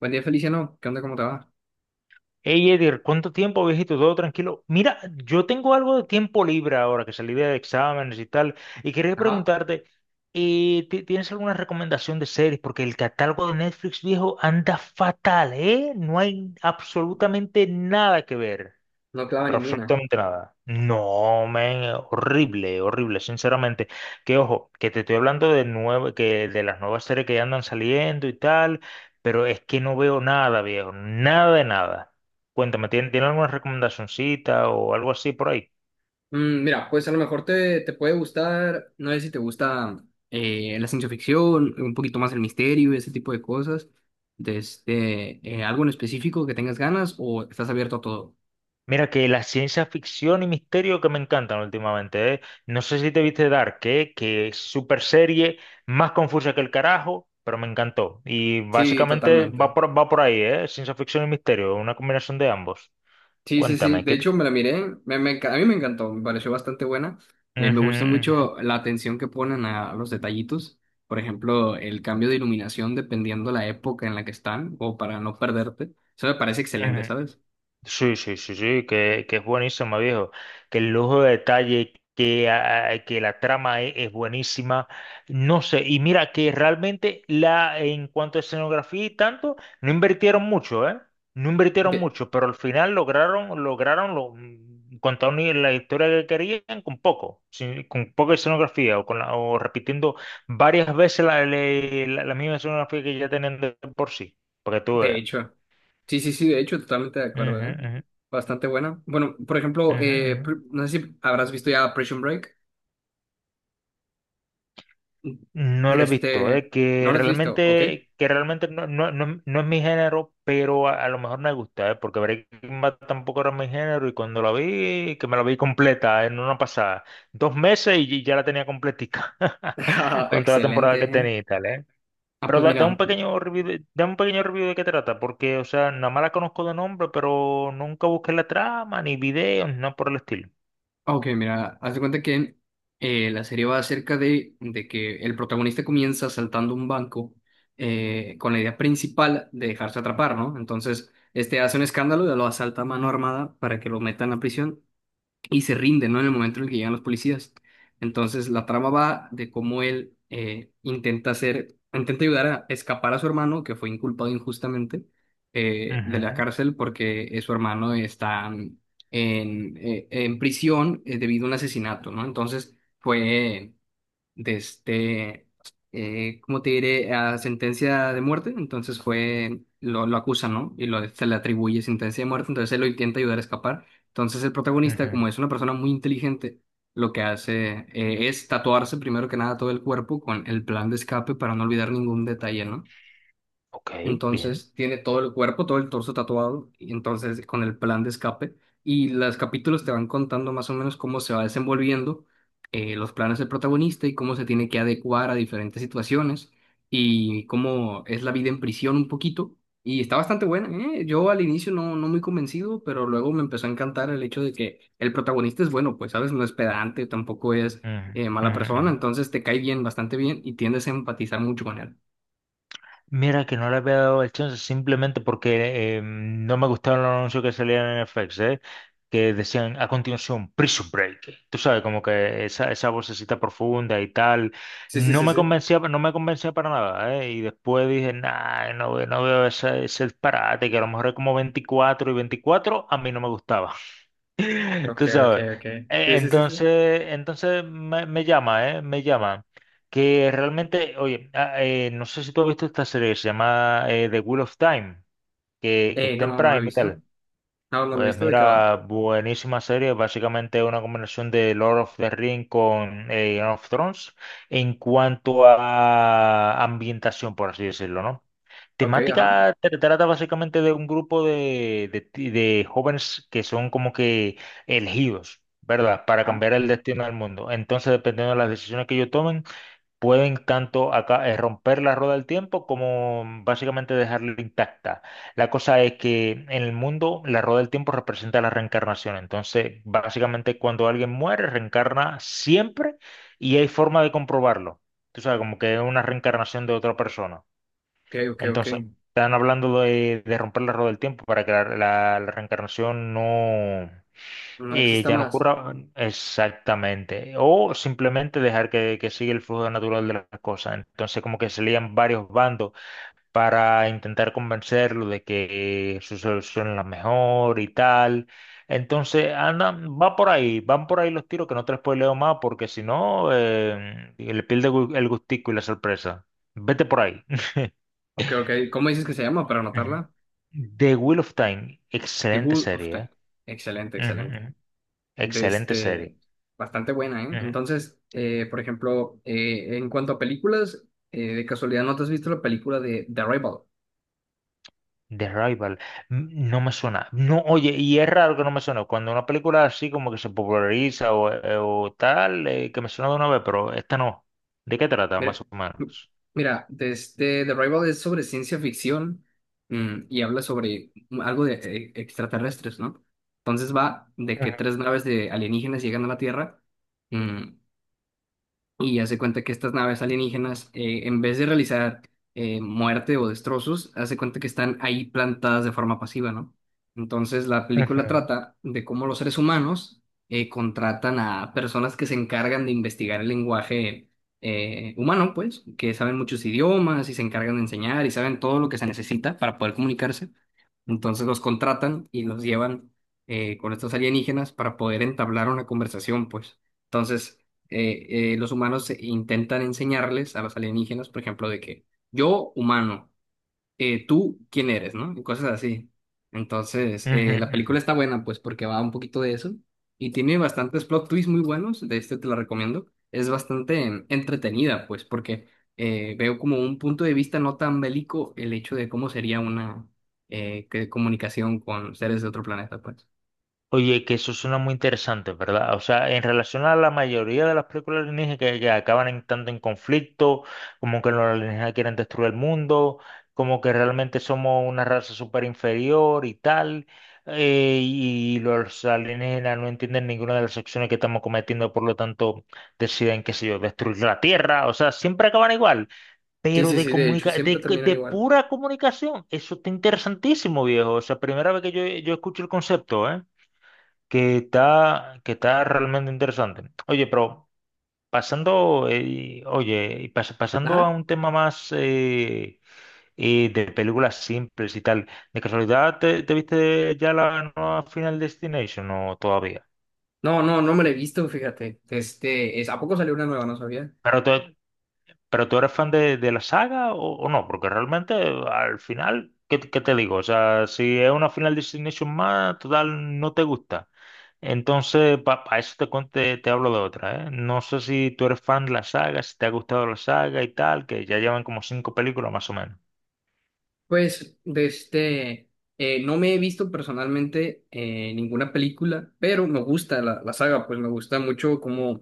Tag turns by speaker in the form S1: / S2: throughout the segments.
S1: Buen día, Feliciano. ¿Qué onda? ¿Cómo te va?
S2: Hey Edir, ¿cuánto tiempo, viejito? Todo tranquilo. Mira, yo tengo algo de tiempo libre ahora que salí de exámenes y tal, y quería
S1: Ajá,
S2: preguntarte, ¿tienes alguna recomendación de series? Porque el catálogo de Netflix viejo anda fatal, ¿eh? No hay absolutamente nada que ver.
S1: no clava
S2: Pero
S1: ninguna.
S2: absolutamente nada. No, men, horrible, horrible, sinceramente. Que ojo, que te estoy hablando de nuevo, que de las nuevas series que ya andan saliendo y tal, pero es que no veo nada, viejo, nada de nada. Cuéntame, ¿tiene, alguna recomendacioncita o algo así por ahí?
S1: Mira, pues a lo mejor te puede gustar, no sé si te gusta la ciencia ficción, un poquito más el misterio, ese tipo de cosas. De este, algo en específico que tengas ganas o estás abierto a todo.
S2: Mira que la ciencia ficción y misterio que me encantan últimamente, ¿eh? No sé si te viste Dark, ¿eh? Que es super serie, más confusa que el carajo, pero me encantó. Y
S1: Sí,
S2: básicamente va
S1: totalmente.
S2: por, va por ahí, ¿eh? Ciencia ficción y misterio, una combinación de ambos.
S1: Sí, sí, sí.
S2: Cuéntame,
S1: De
S2: ¿qué te?
S1: hecho, me la miré. A mí me encantó. Me pareció bastante buena. Me gusta
S2: Ujú,
S1: mucho la atención que ponen a los detallitos. Por ejemplo, el cambio de iluminación dependiendo la época en la que están o para no perderte. Eso me parece
S2: ujú,
S1: excelente,
S2: ujú.
S1: ¿sabes?
S2: Sí, sí, sí, sí, que es buenísima, viejo. Que el lujo de detalle, que la trama es buenísima. No sé, y mira que realmente en cuanto a escenografía y tanto, no invirtieron mucho, ¿eh? No invirtieron
S1: De,
S2: mucho, pero al final lograron contar la historia que querían con poco, con poca escenografía o, o repitiendo varias veces la misma escenografía que ya tenían de por sí, para que tú
S1: de
S2: veas.
S1: hecho. Sí, sí, sí. De hecho, totalmente de
S2: Ujú,
S1: acuerdo, ¿eh?
S2: ujú,
S1: Bastante buena. Bueno, por ejemplo,
S2: ujú, ujú.
S1: no sé si habrás visto ya Prison Break.
S2: No lo he visto,
S1: Este,
S2: que
S1: ¿no lo has visto? ¿Ok?
S2: realmente, que realmente no es mi género, pero a lo mejor me gusta, porque Breaking Bad tampoco era mi género y cuando la vi, que me la vi completa en una pasada, dos meses y ya la tenía completica,
S1: Ah,
S2: con toda la
S1: Excelente.
S2: temporada que
S1: ¿eh?
S2: tenía y tal.
S1: Ah,
S2: Pero
S1: pues
S2: da un
S1: mira.
S2: pequeño review de qué trata, porque, o sea, nada más la conozco de nombre, pero nunca busqué la trama, ni videos, ni nada por el estilo.
S1: Ok, mira, haz de cuenta que la serie va acerca de que el protagonista comienza saltando un banco, con la idea principal de dejarse atrapar, ¿no? Entonces, este hace un escándalo y lo asalta a mano armada para que lo metan a prisión y se rinde, ¿no? En el momento en el que llegan los policías. Entonces, la trama va de cómo él intenta ayudar a escapar a su hermano, que fue inculpado injustamente, de la
S2: Ujú,
S1: cárcel porque su hermano está en prisión, debido a un asesinato, ¿no? Entonces, fue de este, ¿cómo te diré? A sentencia de muerte, entonces lo acusan, ¿no? Y se le atribuye sentencia de muerte, entonces él lo intenta ayudar a escapar. Entonces el protagonista,
S2: ujú.
S1: como es una persona muy inteligente, lo que hace es tatuarse primero que nada todo el cuerpo con el plan de escape para no olvidar ningún detalle, ¿no?
S2: Ok, bien.
S1: Entonces tiene todo el cuerpo, todo el torso tatuado, y entonces con el plan de escape. Y los capítulos te van contando más o menos cómo se va desenvolviendo, los planes del protagonista y cómo se tiene que adecuar a diferentes situaciones y cómo es la vida en prisión un poquito. Y está bastante buena, ¿eh? Yo al inicio no muy convencido, pero luego me empezó a encantar el hecho de que el protagonista es bueno, pues, ¿sabes? No es pedante, tampoco es
S2: Ujú, ujú,
S1: mala persona,
S2: ujú.
S1: entonces te cae bien, bastante bien, y tiendes a empatizar mucho con él.
S2: Mira que no le había dado el chance simplemente porque no me gustaron los anuncios que salían en FX, ¿eh? Que decían a continuación Prison Break. Tú sabes, como que esa vocecita profunda y tal.
S1: Sí, sí,
S2: No
S1: sí,
S2: me
S1: sí.
S2: convencía, no me convencía para nada, ¿eh? Y después dije, nah, no, no veo ese disparate, que a lo mejor es como 24 y 24 a mí no me gustaba.
S1: Ok,
S2: Tú
S1: ok,
S2: sabes.
S1: ok.
S2: E-
S1: Sí, sí, sí, sí.
S2: Entonces, entonces me llama, ¿eh? Me llama. Que realmente, oye, no sé si tú has visto esta serie, que se llama The Wheel of Time, que
S1: Eh,
S2: está en
S1: no, no lo
S2: Prime
S1: he
S2: y
S1: visto.
S2: tal.
S1: No, no lo he
S2: Pues
S1: visto. ¿De qué va?
S2: mira, buenísima serie, básicamente una combinación de Lord of the Ring con Game of Thrones en cuanto a ambientación, por así decirlo, ¿no?
S1: Ok, ajá.
S2: Temática trata básicamente de un grupo de jóvenes que son como que elegidos, ¿verdad? Para
S1: Ajá.
S2: cambiar el destino del mundo. Entonces, dependiendo de las decisiones que ellos tomen, pueden tanto acá, romper la rueda del tiempo como básicamente dejarla intacta. La cosa es que en el mundo la rueda del tiempo representa la reencarnación. Entonces, básicamente cuando alguien muere, reencarna siempre y hay forma de comprobarlo. Tú sabes, como que es una reencarnación de otra persona.
S1: Ok, ok, ok.
S2: Entonces, están hablando de romper la rueda del tiempo para que la reencarnación no
S1: No
S2: eh,
S1: exista
S2: ya no
S1: más.
S2: ocurra exactamente. O simplemente dejar que siga el flujo natural de las cosas. Entonces, como que se lían varios bandos para intentar convencerlo de que su solución es la mejor y tal. Entonces, va por ahí, van por ahí los tiros que no te los spoileo más porque si no, le pierde el gustico y la sorpresa. Vete por ahí.
S1: Ok, ok. ¿Cómo dices que se llama para anotarla?
S2: Ujú. The Wheel of Time,
S1: The
S2: excelente
S1: Good of
S2: serie,
S1: Time.
S2: ¿eh?
S1: Excelente,
S2: Ujú,
S1: excelente.
S2: ujú.
S1: De
S2: Excelente serie.
S1: este, bastante buena, ¿eh?
S2: Ujú.
S1: Entonces, por ejemplo, en cuanto a películas, de casualidad, ¿no te has visto la película de The Rival?
S2: The Rival, no me suena. No, oye, y es raro que no me suene. Cuando una película así como que se populariza o tal, que me suena de una vez, pero esta no. ¿De qué trata,
S1: Mira,
S2: más o
S1: m-
S2: menos?
S1: mira, desde The Rival es sobre ciencia ficción, y habla sobre algo de extraterrestres, ¿no? Entonces va de que tres
S2: Ujú,
S1: naves de alienígenas llegan a la Tierra. mm, y hace cuenta que estas naves alienígenas, en vez de realizar muerte o destrozos, hace cuenta que están ahí plantadas de forma pasiva, ¿no? Entonces la película
S2: ujú,
S1: trata de cómo los seres humanos contratan a personas que se encargan de investigar el lenguaje humano, pues, que saben muchos idiomas y se encargan de enseñar y saben todo lo que se necesita para poder comunicarse. Entonces los contratan y los llevan con estos alienígenas para poder entablar una conversación, pues. Entonces, los humanos intentan enseñarles a los alienígenas, por ejemplo, de que yo, humano, tú, ¿quién eres?, ¿no? Y cosas así. Entonces,
S2: ujú,
S1: la película
S2: ujú.
S1: está buena, pues, porque va un poquito de eso y tiene bastantes plot twists muy buenos, de este te la recomiendo. Es bastante entretenida, pues, porque veo como un punto de vista no tan bélico el hecho de cómo sería una comunicación con seres de otro planeta, pues.
S2: Oye, que eso suena muy interesante, ¿verdad? O sea, en relación a la mayoría de las películas alienígenas que acaban tanto en conflicto, como que los alienígenas quieren destruir el mundo, como que realmente somos una raza súper inferior y tal, y los alienígenas no entienden ninguna de las acciones que estamos cometiendo, por lo tanto deciden, qué sé yo, destruir la Tierra, o sea, siempre acaban igual,
S1: Sí,
S2: pero
S1: sí,
S2: de,
S1: sí, de hecho,
S2: comunica
S1: siempre
S2: de,
S1: terminan
S2: de
S1: igual.
S2: pura comunicación, eso está interesantísimo, viejo, o sea, primera vez que yo escucho el concepto, ¿eh? Que está realmente interesante. Oye, pero pasando, oye, y pas- pasando a
S1: Ajá.
S2: un tema más, de películas simples y tal, ¿de casualidad te viste ya la nueva Final Destination o todavía?
S1: No, no, no me la he visto, fíjate. Este, ¿a poco salió una nueva? No sabía.
S2: Pero to- ¿Pero tú eres fan de la saga o no? Porque realmente al final, ¿qué te digo? O sea, si es una Final Destination más, total, no te gusta. Entonces, para eso te hablo de otra, ¿eh? No sé si tú eres fan de la saga, si te ha gustado la saga y tal, que ya llevan como cinco películas más o menos.
S1: Pues, de este, no me he visto personalmente ninguna película, pero me gusta la saga, pues me gusta mucho cómo,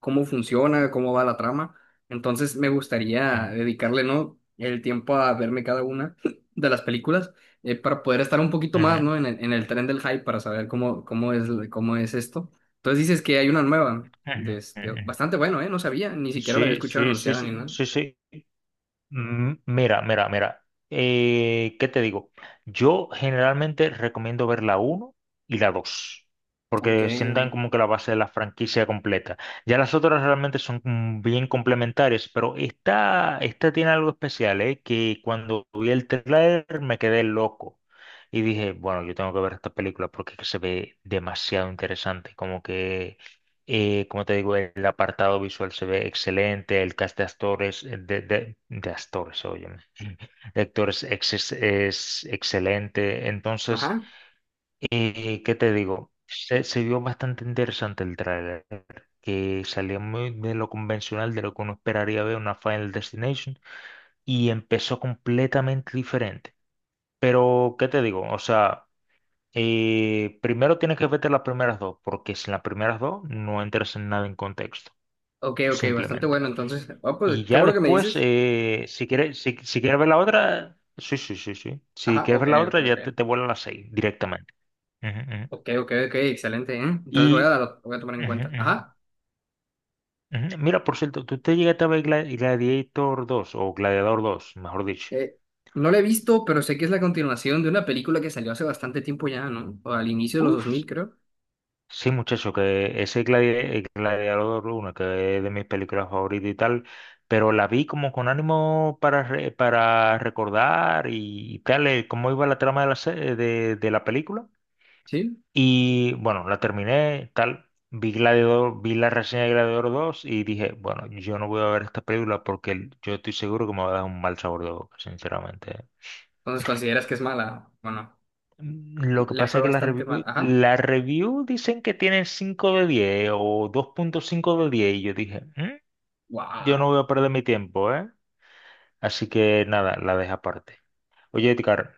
S1: cómo funciona, cómo va la trama. Entonces me gustaría
S2: Mm,
S1: dedicarle, ¿no?, el tiempo a verme cada una de las películas, para poder estar un poquito más,
S2: ujú,
S1: ¿no?, en el tren del hype para saber cómo es esto. Entonces dices que hay una nueva,
S2: ujú,
S1: de este,
S2: ujú.
S1: bastante bueno, ¿eh? No sabía, ni siquiera la había
S2: Sí,
S1: escuchado
S2: sí, sí,
S1: anunciada ni
S2: sí,
S1: nada.
S2: sí, sí. Mira, mira, mira. ¿Qué te digo? Yo generalmente recomiendo ver la uno y la 2,
S1: Ok.
S2: porque sientan como que la base de la franquicia completa. Ya las otras realmente son bien complementarias, pero esta tiene algo especial, ¿eh? Que cuando vi el trailer me quedé loco y dije, bueno, yo tengo que ver esta película porque es que se ve demasiado interesante, como que como te digo, el apartado visual se ve excelente, el cast de actores, óyeme, es excelente. Entonces,
S1: Ajá.
S2: ¿qué te digo? Se vio bastante interesante el tráiler, que salió muy de lo convencional, de lo que uno esperaría ver una Final Destination, y empezó completamente diferente. Pero, ¿qué te digo? O sea, primero tienes que verte las primeras dos, porque sin las primeras dos no entras en nada en contexto
S1: Ok, ok, bastante
S2: simplemente.
S1: bueno. Entonces, ah,
S2: Y
S1: pues qué
S2: ya
S1: bueno que me
S2: después,
S1: dices.
S2: si quieres, si quieres ver la otra, sí, sí, sí, sí. Si
S1: Ajá,
S2: quieres
S1: ok,
S2: ver la
S1: ok,
S2: otra,
S1: ok.
S2: ya te vuelan las seis directamente. Ujú, ujú.
S1: Ok, ok, ok, excelente, ¿eh? Entonces
S2: Y
S1: voy a tomar en cuenta.
S2: ujú,
S1: Ajá.
S2: ujú, ujú. Mira, por cierto, ¿tú te llegaste a ver Gladiator 2 o Gladiador dos mejor dicho?
S1: Eh, no la he visto, pero sé que es la continuación de una película que salió hace bastante tiempo ya, ¿no? O al inicio de los dos
S2: Uf,
S1: mil creo.
S2: sí, muchacho, que el Gladiador uno que es de mis películas favoritas y tal, pero la vi como con ánimo para, para recordar y tal, cómo iba la trama de de la película.
S1: ¿Sí?
S2: Y bueno, la terminé, tal, vi Gladiador, vi la reseña de Gladiador dos y dije, bueno, yo no voy a ver esta película porque yo estoy seguro que me va a dar un mal sabor de boca, sinceramente.
S1: Entonces consideras que es mala. Bueno,
S2: Lo que
S1: le
S2: pasa
S1: fue
S2: es que la review,
S1: bastante mal. Ajá.
S2: la review dicen que tienen 5 de 10 o 2.5 de 10 y yo dije, yo no
S1: Guau.
S2: voy a perder mi tiempo, ¿eh?" Así que nada, la dejo aparte. Oye, Edgar,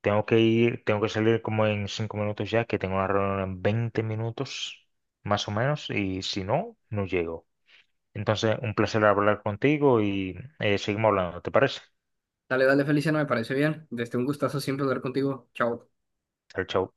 S2: tengo que ir, tengo que salir como en 5 minutos ya, que tengo una reunión en 20 minutos, más o menos, y si no, no llego. Entonces, un placer hablar contigo y seguimos hablando, ¿te parece?
S1: Dale, dale, Felicia, no me parece bien. Desde un gustazo siempre hablar contigo. Chao.
S2: Chao, chao.